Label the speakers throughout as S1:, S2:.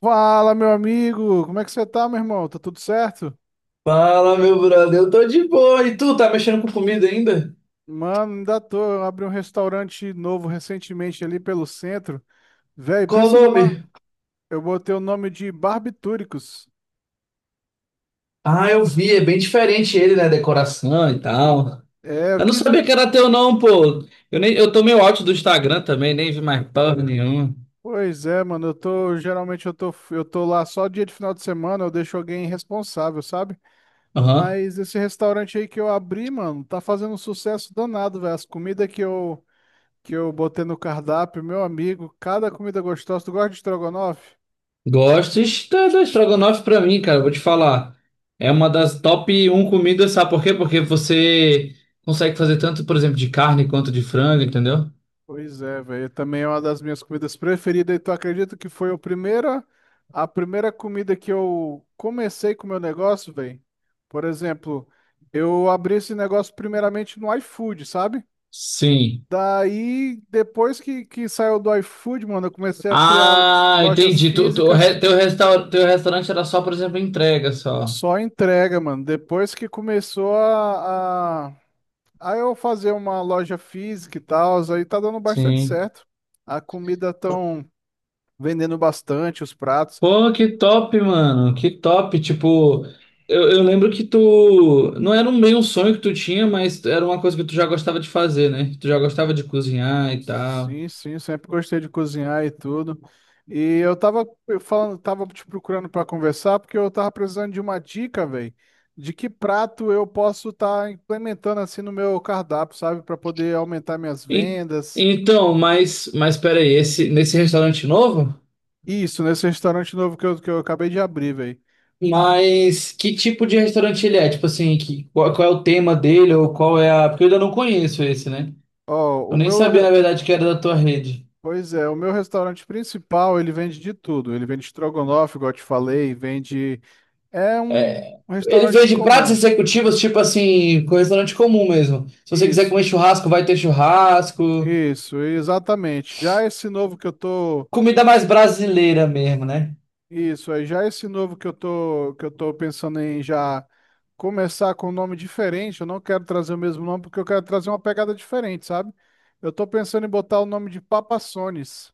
S1: Fala, meu amigo! Como é que você tá, meu irmão? Tá tudo certo?
S2: Fala, meu brother, eu tô de boa. E tu, tá mexendo com comida ainda?
S1: Mano, ainda tô. Eu abri um restaurante novo recentemente ali pelo centro. Véi,
S2: Qual o
S1: pensa
S2: nome?
S1: numa. Eu botei o nome de Barbitúricos.
S2: Ah, eu vi, é bem diferente ele, né? Decoração e tal.
S1: É, eu
S2: Eu não
S1: quis.
S2: sabia que era teu, não, pô. Eu, nem, eu tô meio out do Instagram também, nem vi mais porra nenhuma.
S1: Pois é, mano, eu tô. Geralmente eu tô lá só dia de final de semana, eu deixo alguém responsável, sabe?
S2: Aham.
S1: Mas esse restaurante aí que eu abri, mano, tá fazendo um sucesso danado, velho. As comidas que eu botei no cardápio, meu amigo, cada comida gostosa. Tu gosta de estrogonofe?
S2: Gosto está da estrogonofe pra mim, cara. Eu vou te falar. É uma das top um comidas, sabe por quê? Porque você consegue fazer tanto, por exemplo, de carne quanto de frango, entendeu?
S1: Pois é, velho. Também é uma das minhas comidas preferidas. E tu acredita que foi a primeira comida que eu comecei com o meu negócio, velho? Por exemplo, eu abri esse negócio primeiramente no iFood, sabe?
S2: Sim.
S1: Daí, depois que saiu do iFood, mano, eu comecei a criar
S2: Ah,
S1: lojas
S2: entendi. Tu, tu,
S1: físicas,
S2: re- teu, restaur, teu restaurante era só, por exemplo, entrega só.
S1: só entrega, mano. Depois que começou a eu fazer uma loja física e tal, aí tá dando bastante
S2: Sim.
S1: certo. A comida tão vendendo bastante os pratos.
S2: Pô, que top, mano. Que top. Tipo, eu lembro que tu. Não era um meio um sonho que tu tinha, mas era uma coisa que tu já gostava de fazer, né? Tu já gostava de cozinhar e tal.
S1: Sim, sim, sempre gostei de cozinhar e tudo. E eu tava falando, tava te procurando para conversar porque eu tava precisando de uma dica, velho, de que prato eu posso estar implementando assim no meu cardápio, sabe, para poder aumentar minhas
S2: E,
S1: vendas.
S2: então, mas peraí, nesse restaurante novo?
S1: Isso, nesse restaurante novo que eu acabei de abrir, velho.
S2: Mas que tipo de restaurante ele é? Tipo assim, qual é o tema dele ou qual é a. Porque eu ainda não conheço esse, né?
S1: Ó,
S2: Eu nem sabia, na verdade, que era da tua rede.
S1: pois é, o meu restaurante principal, ele vende de tudo. Ele vende estrogonofe, igual eu te falei, vende é um
S2: Ele
S1: restaurante
S2: vende pratos
S1: comum.
S2: executivos, tipo assim, com restaurante comum mesmo. Se você quiser comer
S1: Isso.
S2: churrasco, vai ter churrasco.
S1: Isso, exatamente. Já esse novo que eu tô,
S2: Comida mais brasileira mesmo, né?
S1: isso, aí já esse novo que eu tô pensando em já começar com um nome diferente, eu não quero trazer o mesmo nome porque eu quero trazer uma pegada diferente, sabe? Eu tô pensando em botar o nome de Papassones,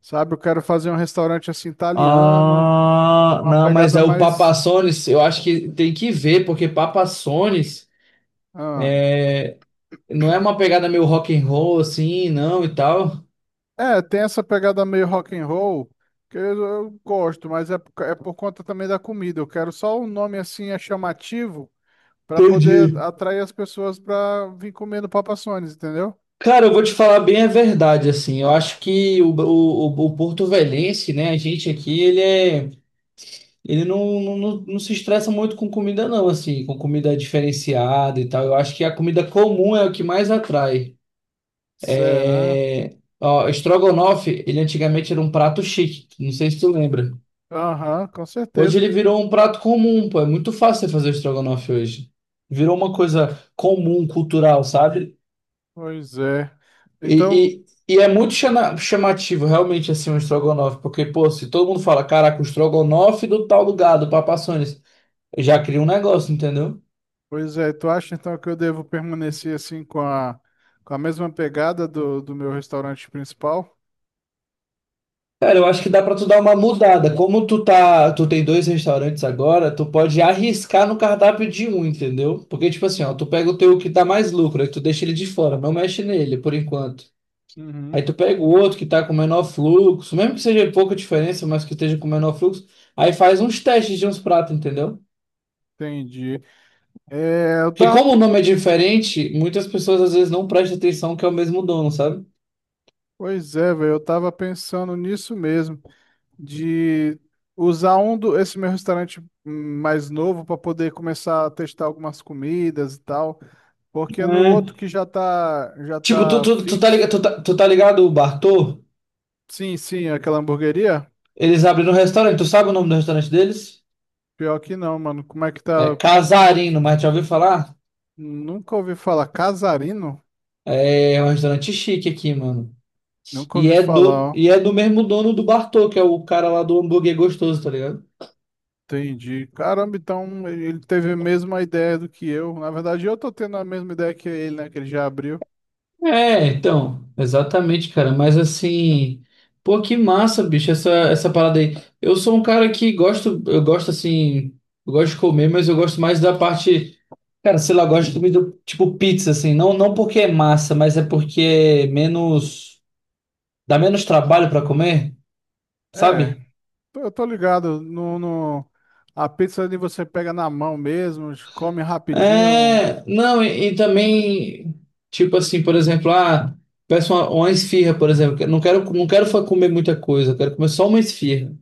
S1: sabe? Eu quero fazer um restaurante assim italiano,
S2: Ah,
S1: uma
S2: não, mas
S1: pegada
S2: é o
S1: mais,
S2: Papassones, eu acho que tem que ver, porque Papassones
S1: ah,
S2: não é uma pegada meio rock and roll assim, não, e tal.
S1: é, tem essa pegada meio rock and roll que eu gosto, mas é, é por conta também da comida. Eu quero só um nome assim é chamativo pra poder
S2: Entendi.
S1: atrair as pessoas pra vir comendo Papa John's, entendeu?
S2: Cara, eu vou te falar bem a verdade, assim, eu acho que o Porto Velhense, né, a gente aqui, Ele não, não, não não se estressa muito com comida, não, assim, com comida diferenciada e tal. Eu acho que a comida comum é o que mais atrai.
S1: Será?
S2: É. Ó, estrogonofe, ele antigamente era um prato chique, não sei se tu lembra.
S1: Aham, com
S2: Hoje
S1: certeza.
S2: ele virou um prato comum, pô, é muito fácil você fazer estrogonofe hoje. Virou uma coisa comum, cultural, sabe?
S1: Pois é. Então,
S2: E, e é muito chamativo, realmente, assim, um estrogonofe, porque, pô, se todo mundo fala, caraca, o estrogonofe do tal lugar, do Papa John's, já cria um negócio, entendeu?
S1: pois é, tu acha então que eu devo permanecer assim com com a mesma pegada do meu restaurante principal?
S2: Cara, eu acho que dá pra tu dar uma mudada. Como tu tem dois restaurantes agora, tu pode arriscar no cardápio de um, entendeu? Porque tipo assim, ó, tu pega o teu que dá mais lucro, aí tu deixa ele de fora, não mexe nele por enquanto. Aí
S1: Uhum,
S2: tu pega o outro que tá com menor fluxo, mesmo que seja pouca diferença, mas que esteja com menor fluxo, aí faz uns testes de uns pratos, entendeu?
S1: entendi. É, eu
S2: Porque
S1: tava,
S2: como o nome é diferente, muitas pessoas às vezes não prestam atenção que é o mesmo dono, sabe?
S1: pois é, velho, eu tava pensando nisso mesmo, de usar esse meu restaurante mais novo para poder começar a testar algumas comidas e tal. Porque no outro
S2: É.
S1: que já tá, já
S2: Tipo, tu,
S1: tá
S2: tu, tu tá ligado,
S1: fixo.
S2: tu tá ligado o Bartô?
S1: Sim, sim, aquela hamburgueria.
S2: Eles abriram um restaurante. Tu sabe o nome do restaurante deles?
S1: Pior que não, mano. Como é que
S2: É
S1: tá?
S2: Casarino, mas já ouviu falar?
S1: Nunca ouvi falar. Casarino?
S2: É um restaurante chique aqui, mano.
S1: Nunca
S2: E
S1: ouvi
S2: é
S1: falar,
S2: do,
S1: ó.
S2: e é do mesmo dono do Bartô, que é o cara lá do hambúrguer gostoso, tá ligado?
S1: Entendi. Caramba, então ele teve a mesma ideia do que eu. Na verdade, eu tô tendo a mesma ideia que ele, né? Que ele já abriu.
S2: É, então, exatamente, cara. Mas assim, pô, que massa, bicho, essa parada aí. Eu sou um cara que gosto, eu gosto assim, eu gosto de comer, mas eu gosto mais da parte, cara, sei lá, eu gosto de comida tipo pizza, assim. Não, não porque é massa, mas é porque é menos. Dá menos trabalho para comer,
S1: É,
S2: sabe?
S1: eu tô ligado. No, no... A pizza ali você pega na mão mesmo, come rapidinho.
S2: É, não, e também, tipo assim, por exemplo, peço uma esfirra, por exemplo, que eu não quero comer muita coisa, eu quero comer só uma esfirra.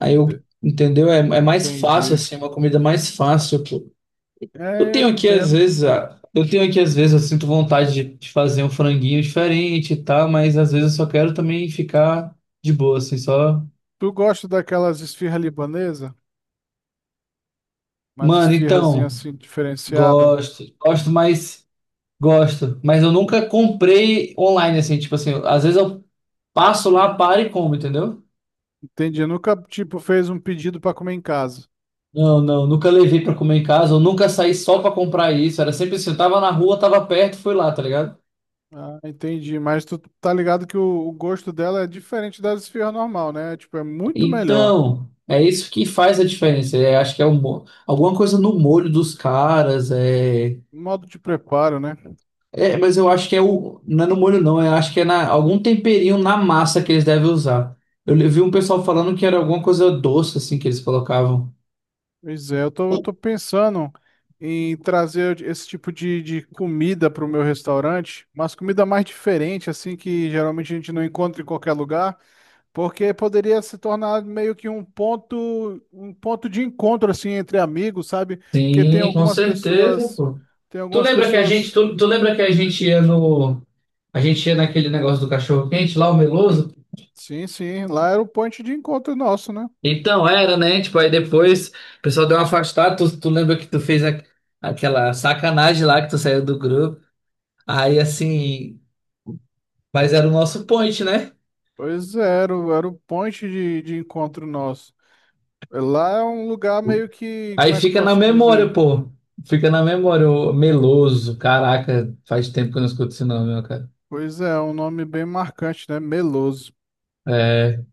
S2: Aí eu,
S1: Te-
S2: entendeu? É mais fácil,
S1: Entendi.
S2: assim, uma comida mais fácil, pô.
S1: É, eu entendo.
S2: Eu tenho aqui, às vezes, eu sinto vontade de fazer um franguinho diferente e tal, mas às vezes eu só quero também ficar de boa, assim, só.
S1: Tu gosta daquelas esfirras libanesas? Mas
S2: Mano,
S1: esfirrazinha
S2: então,
S1: assim, diferenciada.
S2: gosto, gosto, mas. gosto, mas eu nunca comprei online, assim, tipo assim, às vezes eu passo lá, paro e como, entendeu?
S1: Entendi. Nunca, tipo, fez um pedido pra comer em casa.
S2: Não, não, nunca levei pra comer em casa, eu nunca saí só pra comprar isso, era sempre assim, eu tava na rua, tava perto, fui lá, tá ligado?
S1: Ah, entendi. Mas tu tá ligado que o gosto dela é diferente das esfirras normal, né? Tipo, é muito melhor.
S2: Então, é isso que faz a diferença, é, acho que é um, alguma coisa no molho dos caras, é,
S1: Modo de preparo, né?
S2: é, mas eu acho que é o, não é no molho não, eu acho que é na, algum temperinho na massa que eles devem usar. Eu vi um pessoal falando que era alguma coisa doce, assim, que eles colocavam.
S1: Pois é, eu tô pensando em trazer esse tipo de comida pro meu restaurante. Mas comida mais diferente, assim, que geralmente a gente não encontra em qualquer lugar. Porque poderia se tornar meio que um ponto de encontro assim entre amigos, sabe? Porque tem
S2: Sim, com
S1: algumas
S2: certeza,
S1: pessoas,
S2: pô.
S1: tem
S2: Tu
S1: algumas
S2: lembra que a gente,
S1: pessoas.
S2: tu lembra que a gente ia no, a gente ia naquele negócio do cachorro quente lá, o Meloso?
S1: Sim, sim, lá era o point de encontro nosso, né?
S2: Então era, né? Tipo, aí depois o pessoal deu uma afastada. Tu lembra que tu fez aquela sacanagem lá que tu saiu do grupo? Aí assim, mas era o nosso point, né?
S1: Pois é, era, era o point de encontro nosso. Lá é um lugar meio que, como
S2: Aí
S1: é que eu
S2: fica na
S1: posso
S2: memória,
S1: dizer?
S2: pô. Fica na memória, o Meloso. Caraca, faz tempo que eu não escuto esse nome, ó, cara.
S1: Pois é, é um nome bem marcante, né? Meloso.
S2: É,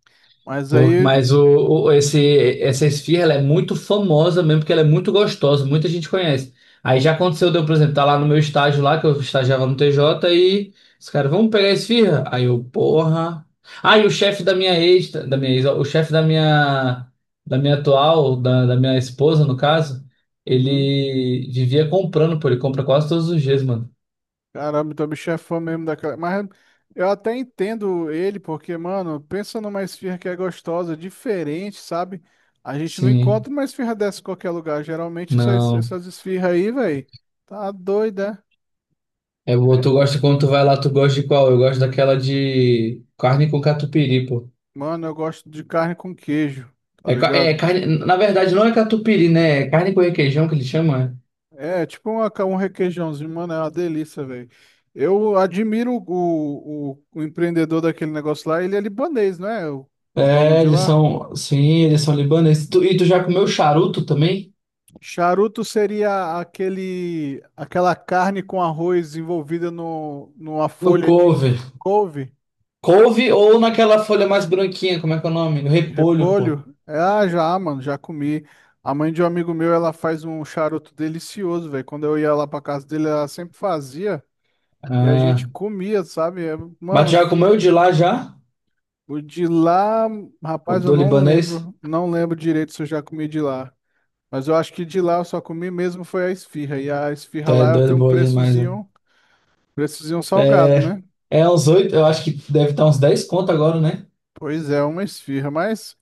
S1: Mas aí,
S2: Mas essa esfirra ela é muito famosa mesmo, porque ela é muito gostosa, muita gente conhece. Aí já aconteceu, deu, por exemplo, tá lá no meu estágio lá, que eu estagiava no TJ, e os caras, vamos pegar a esfirra? Aí eu, porra. Aí o chefe da minha ex, ó, o chefe da minha atual, da minha esposa, no caso,
S1: uhum.
S2: ele vivia comprando, pô, ele compra quase todos os dias, mano.
S1: Caramba, então o bicho é fã mesmo daquela. Mas eu até entendo ele, porque, mano, pensa numa esfirra que é gostosa, diferente, sabe? A gente não
S2: Sim,
S1: encontra uma esfirra dessa em qualquer lugar. Geralmente essas,
S2: não.
S1: essas esfirras aí, velho, tá doida.
S2: É
S1: Né?
S2: boa, tu
S1: É.
S2: gosta quando tu vai lá, tu gosta de qual? Eu gosto daquela de carne com catupiry, pô.
S1: Mano, eu gosto de carne com queijo, tá
S2: É, é
S1: ligado?
S2: carne, na verdade não é catupiry, né? É carne com requeijão que eles chamam, é?
S1: É, tipo uma, um requeijãozinho, mano, é uma delícia, velho. Eu admiro o empreendedor daquele negócio lá, ele é libanês, não é? O o dono
S2: É,
S1: de
S2: eles
S1: lá.
S2: são, sim, eles são libaneses. E tu já comeu charuto também?
S1: Charuto seria aquele, aquela carne com arroz envolvida no, numa
S2: No
S1: folha de
S2: couve.
S1: couve,
S2: Couve ou naquela folha mais branquinha, como é que é o nome? No
S1: de
S2: repolho, pô.
S1: repolho. É, ah, já, mano, já comi. A mãe de um amigo meu, ela faz um charuto delicioso, velho. Quando eu ia lá pra casa dele, ela sempre fazia e a gente
S2: Ah,
S1: comia, sabe? É,
S2: mas tu
S1: mano,
S2: já
S1: que...
S2: comeu de lá já?
S1: O de lá,
S2: O
S1: rapaz, eu
S2: do
S1: não
S2: libanês?
S1: lembro, não lembro direito se eu já comi de lá. Mas eu acho que de lá eu só comi mesmo foi a esfirra. E a
S2: Tu
S1: esfirra
S2: é
S1: lá ela
S2: doido,
S1: tem um
S2: boa demais, né?
S1: preçozinho. Preços de um salgado,
S2: É,
S1: né?
S2: é uns oito, eu acho que deve estar uns 10 conto agora, né?
S1: Pois é, uma esfirra, mas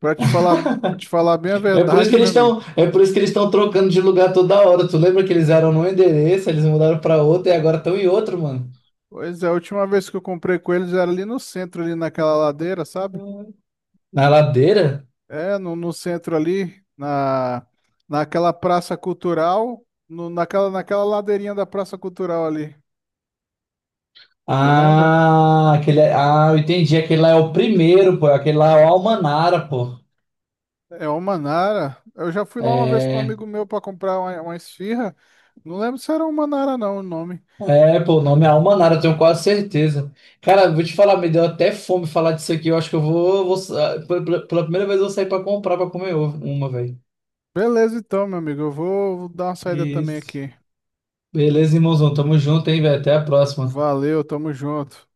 S1: pra te falar, pra te falar bem a
S2: É por isso
S1: verdade,
S2: que eles
S1: meu amigo.
S2: estão, é por isso que eles estão trocando de lugar toda hora. Tu lembra que eles eram num endereço, eles mudaram pra outro e agora estão em outro, mano.
S1: Pois é, a última vez que eu comprei com eles era ali no centro, ali naquela ladeira, sabe?
S2: Na ladeira?
S1: É, no centro ali, na, naquela praça cultural, no, naquela, naquela ladeirinha da praça cultural ali. Tu lembra?
S2: Ah, aquele, eu entendi. Aquele lá é o primeiro, pô. Aquele lá é o Almanara, pô.
S1: É o Manara. Eu já fui lá uma vez com um
S2: É,
S1: amigo meu para comprar uma esfirra. Não lembro se era o Manara não, o nome.
S2: pô, o nome é Almanara, eu tenho quase certeza. Cara, vou te falar, me deu até fome falar disso aqui. Eu acho que eu vou, vou sa- pela primeira vez eu vou sair pra comprar pra comer uma, velho.
S1: Beleza, então, meu amigo, eu vou dar uma saída também
S2: Isso.
S1: aqui.
S2: Beleza, irmãozão. Tamo junto, hein, velho. Até a próxima.
S1: Valeu, tamo junto.